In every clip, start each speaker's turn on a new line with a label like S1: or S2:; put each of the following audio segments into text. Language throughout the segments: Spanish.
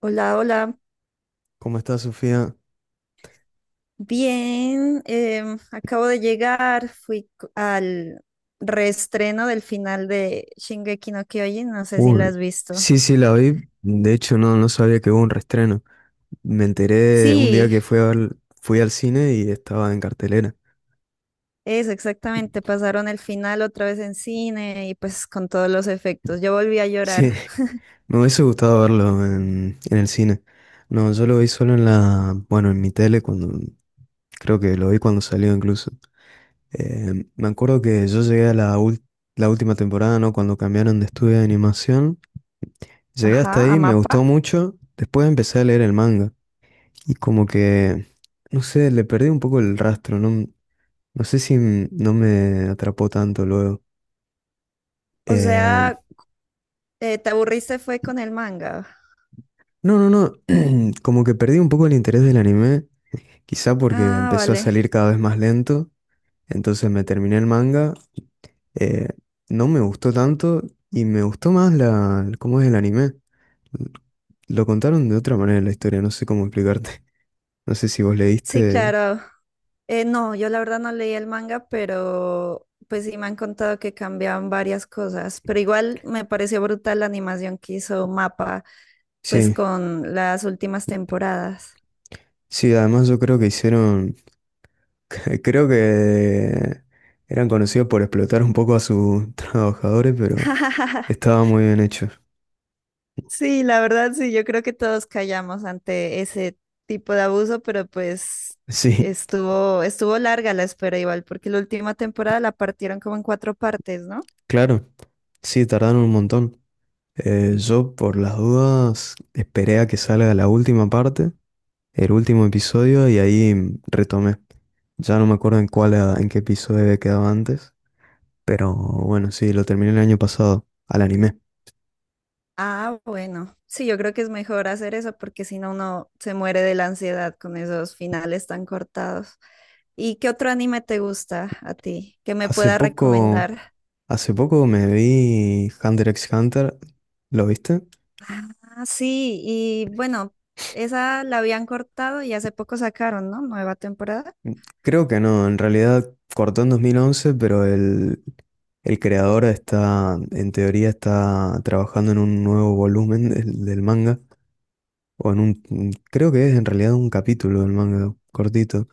S1: Hola, hola.
S2: ¿Cómo está Sofía?
S1: Bien, acabo de llegar. Al reestreno del final de Shingeki no Kyojin. No sé si
S2: Uy,
S1: la has visto.
S2: sí, sí, la vi. De hecho, no, no sabía que hubo un reestreno. Me enteré un día
S1: Sí,
S2: que fui al cine y estaba en cartelera.
S1: eso exactamente. Pasaron el final otra vez en cine y pues con todos los efectos. Yo volví a llorar.
S2: Sí, me hubiese gustado verlo en el cine. No, yo lo vi solo en la, bueno, en mi tele cuando, creo que lo vi cuando salió incluso. Me acuerdo que yo llegué a la, la última temporada, ¿no? Cuando cambiaron de estudio de animación. Llegué
S1: Ajá,
S2: hasta
S1: a
S2: ahí, me
S1: mapa.
S2: gustó mucho. Después empecé a leer el manga. Y como que, no sé, le perdí un poco el rastro, no, no sé si no me atrapó tanto luego.
S1: O
S2: Eh,
S1: sea, ¿te aburriste fue con el manga?
S2: no, no, no, como que perdí un poco el interés del anime, quizá porque
S1: Ah,
S2: empezó a
S1: vale.
S2: salir cada vez más lento, entonces me terminé el manga, eh, no me gustó tanto y me gustó más la, cómo es el anime. Lo contaron de otra manera la historia, no sé cómo explicarte. No sé si vos
S1: Sí,
S2: leíste.
S1: claro. No, yo la verdad no leí el manga, pero pues sí me han contado que cambiaban varias cosas, pero igual me pareció brutal la animación que hizo Mapa, pues
S2: Sí,
S1: con las últimas temporadas.
S2: sí, además yo creo que hicieron Creo que eran conocidos por explotar un poco a sus trabajadores, pero estaba muy bien hecho.
S1: Sí, la verdad sí, yo creo que todos callamos ante ese tipo de abuso, pero pues
S2: Sí,
S1: estuvo larga la espera igual, porque la última temporada la partieron como en cuatro partes, ¿no?
S2: claro. Sí, tardaron un montón. Yo, por las dudas, esperé a que salga la última parte, el último episodio, y ahí retomé. Ya no me acuerdo en cuál, en qué episodio había quedado antes, pero bueno, sí, lo terminé el año pasado, al anime.
S1: Ah, bueno. Sí, yo creo que es mejor hacer eso porque si no, uno se muere de la ansiedad con esos finales tan cortados. ¿Y qué otro anime te gusta a ti que me
S2: Hace
S1: pueda
S2: poco,
S1: recomendar?
S2: hace poco me vi Hunter x Hunter, ¿lo viste?
S1: Ah, sí, y bueno, esa la habían cortado y hace poco sacaron, ¿no? Nueva temporada.
S2: Creo que no, en realidad cortó en 2011, pero el creador está, en teoría, está trabajando en un nuevo volumen del manga, o en un, creo que es en realidad un capítulo del manga, cortito.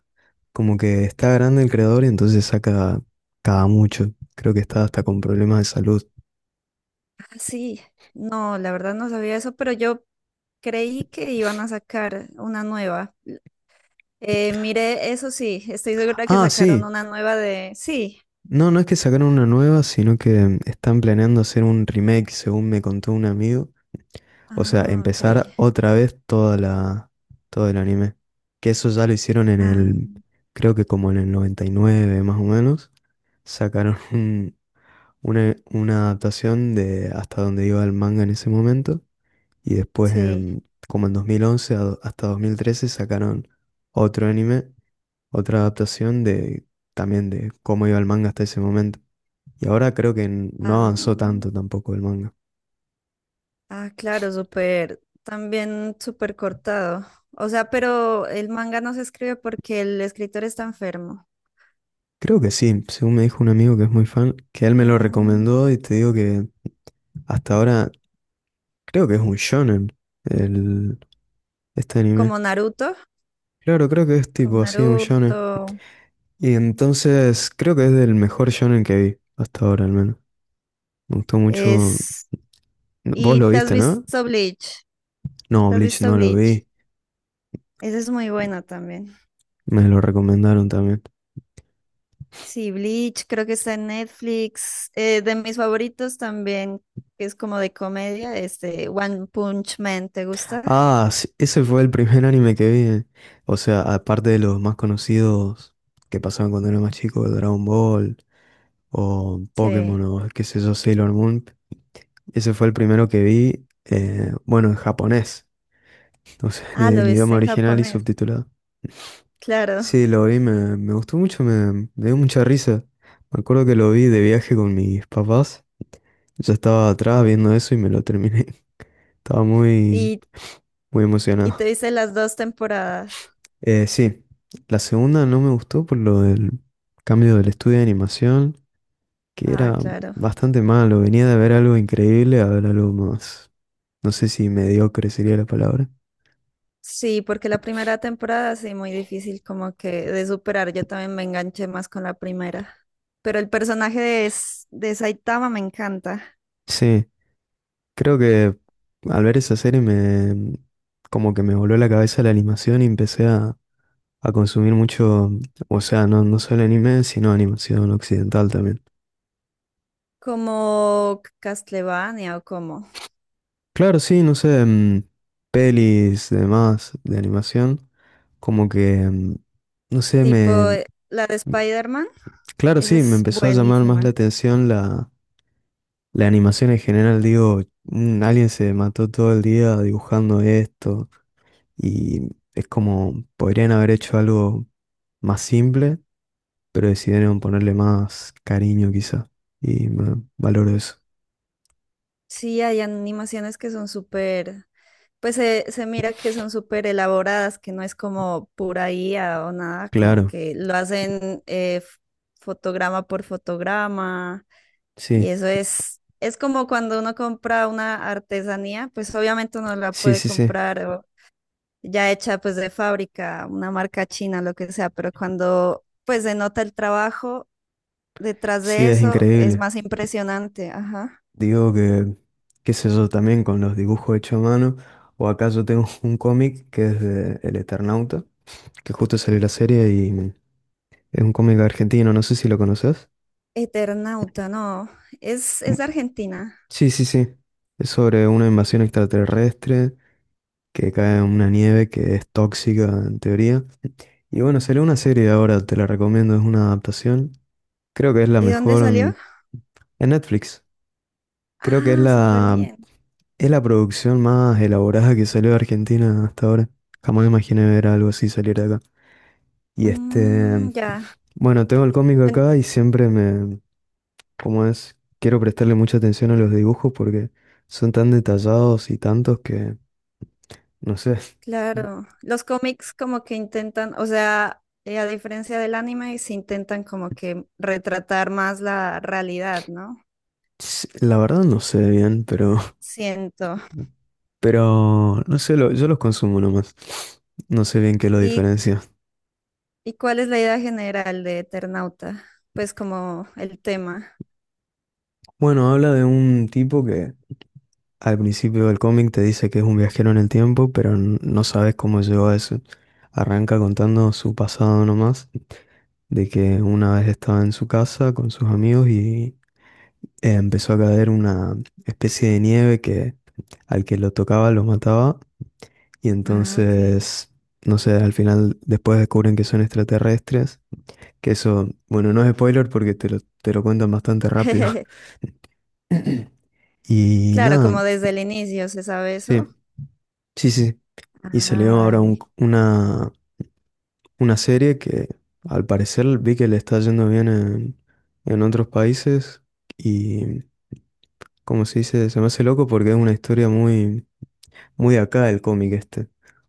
S2: Como que está grande el creador y entonces saca cada mucho. Creo que está hasta con problemas de salud.
S1: Ah, sí. No, la verdad no sabía eso, pero yo creí que iban a sacar una nueva. Mire, eso sí, estoy segura que
S2: Ah,
S1: sacaron
S2: sí.
S1: una nueva de... Sí.
S2: No, no es que sacaron una nueva, sino que están planeando hacer un remake, según me contó un amigo. O sea,
S1: Ah, ok.
S2: empezar otra vez toda la, todo el anime. Que eso ya lo hicieron en el,
S1: Ah,
S2: creo que como en el 99 más o menos. Sacaron una adaptación de hasta donde iba el manga en ese momento. Y después
S1: sí,
S2: en, como en 2011 hasta 2013 sacaron otro anime, otra adaptación de también de cómo iba el manga hasta ese momento. Y ahora creo que no avanzó tanto
S1: ah,
S2: tampoco el manga.
S1: ah, claro, súper, también súper cortado. O sea, pero el manga no se escribe porque el escritor está enfermo.
S2: Creo que sí, según me dijo un amigo que es muy fan, que él me lo
S1: Mm,
S2: recomendó y te digo que hasta ahora creo que es un shonen el, este anime.
S1: como Naruto,
S2: Claro, creo que es
S1: como
S2: tipo así, un shonen.
S1: Naruto.
S2: Y entonces creo que es del mejor shonen que vi, hasta ahora al menos. Me gustó mucho.
S1: Es...
S2: Vos
S1: ¿Y
S2: lo
S1: te has
S2: viste, ¿no?
S1: visto Bleach?
S2: No,
S1: ¿Te has
S2: Bleach
S1: visto
S2: no lo
S1: Bleach?
S2: vi,
S1: Esa es muy buena también.
S2: me lo recomendaron también.
S1: Sí, Bleach, creo que está en Netflix. De mis favoritos también, que es como de comedia, este One Punch Man, ¿te gusta?
S2: Ah, sí, ese fue el primer anime que vi. O sea, aparte de los más conocidos que pasaban cuando era más chico, Dragon Ball. O
S1: Sí.
S2: Pokémon o qué sé yo, Sailor Moon. Ese fue el primero que vi, bueno, en japonés, entonces
S1: Ah, lo
S2: en idioma
S1: viste en
S2: original y
S1: japonés.
S2: subtitulado.
S1: Claro.
S2: Sí, lo vi, me gustó mucho, me dio mucha risa. Me acuerdo que lo vi de viaje con mis papás. Yo estaba atrás viendo eso y me lo terminé. Estaba muy,
S1: Y,
S2: muy
S1: y te
S2: emocionado.
S1: dice las dos temporadas.
S2: Sí, la segunda no me gustó por lo del cambio del estudio de animación, que
S1: Ah,
S2: era
S1: claro.
S2: bastante malo. Venía de ver algo increíble a ver algo más. No sé si mediocre sería la palabra.
S1: Sí, porque la primera temporada sí, muy difícil como que de superar. Yo también me enganché más con la primera. Pero el personaje de, de Saitama me encanta.
S2: Sí, creo que al ver esa serie me como que me voló la cabeza la animación y empecé a consumir mucho, o sea, no, no solo anime, sino animación occidental también.
S1: Como Castlevania o como.
S2: Claro, sí, no sé, pelis, demás de animación, como que, no sé,
S1: Tipo
S2: me,
S1: la de Spider-Man.
S2: claro,
S1: Esa
S2: sí, me
S1: es
S2: empezó a llamar más la
S1: buenísima.
S2: atención la, la animación en general, digo, "Mm, alguien se mató todo el día dibujando esto. Y es como, podrían haber hecho algo más simple, pero decidieron ponerle más cariño quizá. Y me valoro eso.
S1: Sí, hay animaciones que son súper. Pues se mira que son súper elaboradas, que no es como pura I a o nada, como
S2: Claro,
S1: que lo hacen fotograma por fotograma, y
S2: sí,
S1: eso es como cuando uno compra una artesanía, pues obviamente uno la
S2: sí,
S1: puede
S2: sí, sí.
S1: comprar o ya hecha pues de fábrica, una marca china, lo que sea, pero cuando pues se nota el trabajo detrás
S2: Sí,
S1: de
S2: es
S1: eso es
S2: increíble.
S1: más impresionante, ajá.
S2: Digo que, qué sé yo, también con los dibujos hechos a mano, o acá yo tengo un cómic que es de El Eternauta, que justo salió la serie y es un cómic argentino, no sé si lo conoces.
S1: Eternauta, no,
S2: Mm,
S1: es de Argentina.
S2: sí, sí, sí. Es sobre una invasión extraterrestre que cae una nieve que es tóxica en teoría. Y bueno, salió una serie ahora, te la recomiendo, es una adaptación. Creo que es la
S1: ¿Y dónde
S2: mejor
S1: salió?
S2: en Netflix. Creo que
S1: Ah, súper bien.
S2: es la producción más elaborada que salió de Argentina hasta ahora. Jamás imaginé ver algo así salir de acá. Y este,
S1: Mm, ya,
S2: bueno, tengo el cómic
S1: en
S2: acá y siempre me, como es, quiero prestarle mucha atención a los dibujos porque son tan detallados y tantos que, no sé,
S1: claro. Los cómics como que intentan, o sea, a diferencia del anime, se intentan como que retratar más la realidad, ¿no?
S2: la verdad no sé bien, pero
S1: Siento.
S2: Pero no sé, yo los consumo nomás. No sé bien qué lo
S1: ¿Y,
S2: diferencia.
S1: y cuál es la idea general de Eternauta? Pues como el tema.
S2: Bueno, habla de un tipo que al principio del cómic te dice que es un viajero en el tiempo, pero no sabes cómo llegó a eso. Arranca contando su pasado nomás, de que una vez estaba en su casa con sus amigos y empezó a caer una especie de nieve que al que lo tocaba lo mataba. Y
S1: Ah, ok.
S2: entonces, no sé, al final después descubren que son extraterrestres. Que eso, bueno, no es spoiler porque te te lo cuentan bastante rápido. Y
S1: Claro,
S2: nada,
S1: como desde el inicio se sabe eso.
S2: sí, sí, sí. Y
S1: Ah,
S2: salió ahora
S1: vale.
S2: una serie que al parecer vi que le está yendo bien en otros países. Y como se dice, se me hace loco porque es una historia muy, muy de acá el cómic este.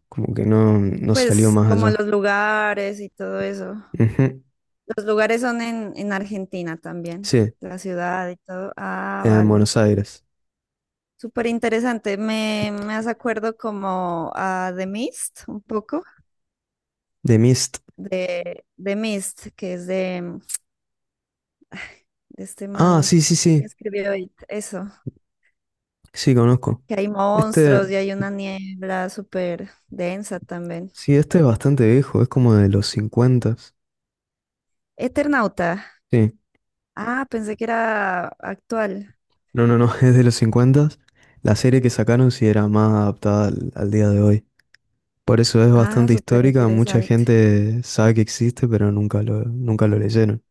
S2: Como que no, no salió
S1: Pues
S2: más
S1: como
S2: allá.
S1: los lugares y todo eso.
S2: Ujú,
S1: Los lugares son en Argentina también,
S2: sí,
S1: la ciudad y todo. Ah,
S2: en
S1: vale.
S2: Buenos Aires.
S1: Súper interesante. Me hace acuerdo como a The Mist, un poco,
S2: The Mist.
S1: de The Mist, que es de, de este
S2: Ah,
S1: man
S2: sí, sí,
S1: que
S2: sí.
S1: escribió It, eso,
S2: Sí, conozco.
S1: que hay
S2: Este.
S1: monstruos y hay una niebla súper densa también.
S2: Sí, este es bastante viejo, es como de los 50.
S1: Eternauta.
S2: Sí,
S1: Ah, pensé que era actual.
S2: no, no, no, es de los 50. La serie que sacaron sí era más adaptada al, al día de hoy. Por eso es
S1: Ah,
S2: bastante
S1: súper
S2: histórica, mucha
S1: interesante.
S2: gente sabe que existe, pero nunca lo, nunca lo leyeron.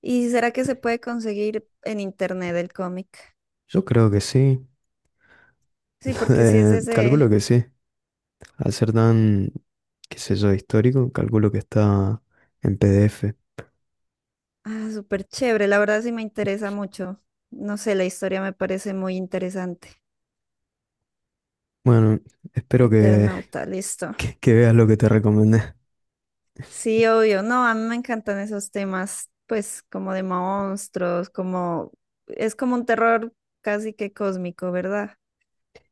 S1: ¿Y será que se puede conseguir en internet el cómic?
S2: Yo creo que sí,
S1: Sí, porque sí es ese,
S2: calculo que sí. Al ser tan, qué sé yo, histórico, calculo que está en PDF.
S1: ah, súper chévere, la verdad sí me interesa mucho. No sé, la historia me parece muy interesante.
S2: Bueno, espero que,
S1: Eternauta, listo.
S2: que veas lo que te recomendé.
S1: Sí, obvio, no, a mí me encantan esos temas, pues como de monstruos, como es como un terror casi que cósmico, ¿verdad?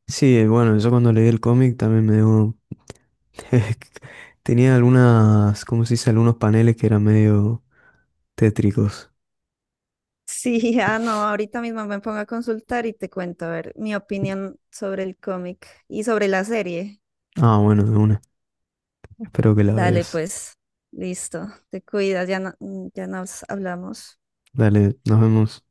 S2: Sí, bueno, yo cuando leí el cómic también me dio Tenía algunas, ¿cómo se dice? Algunos paneles que eran medio tétricos.
S1: Sí, ah, no, ahorita mismo me pongo a consultar y te cuento, a ver, mi opinión sobre el cómic y sobre la serie.
S2: Ah, bueno, de una. Espero que la
S1: Dale,
S2: veas.
S1: pues, listo, te cuidas, ya no- ya nos hablamos.
S2: Dale, nos vemos.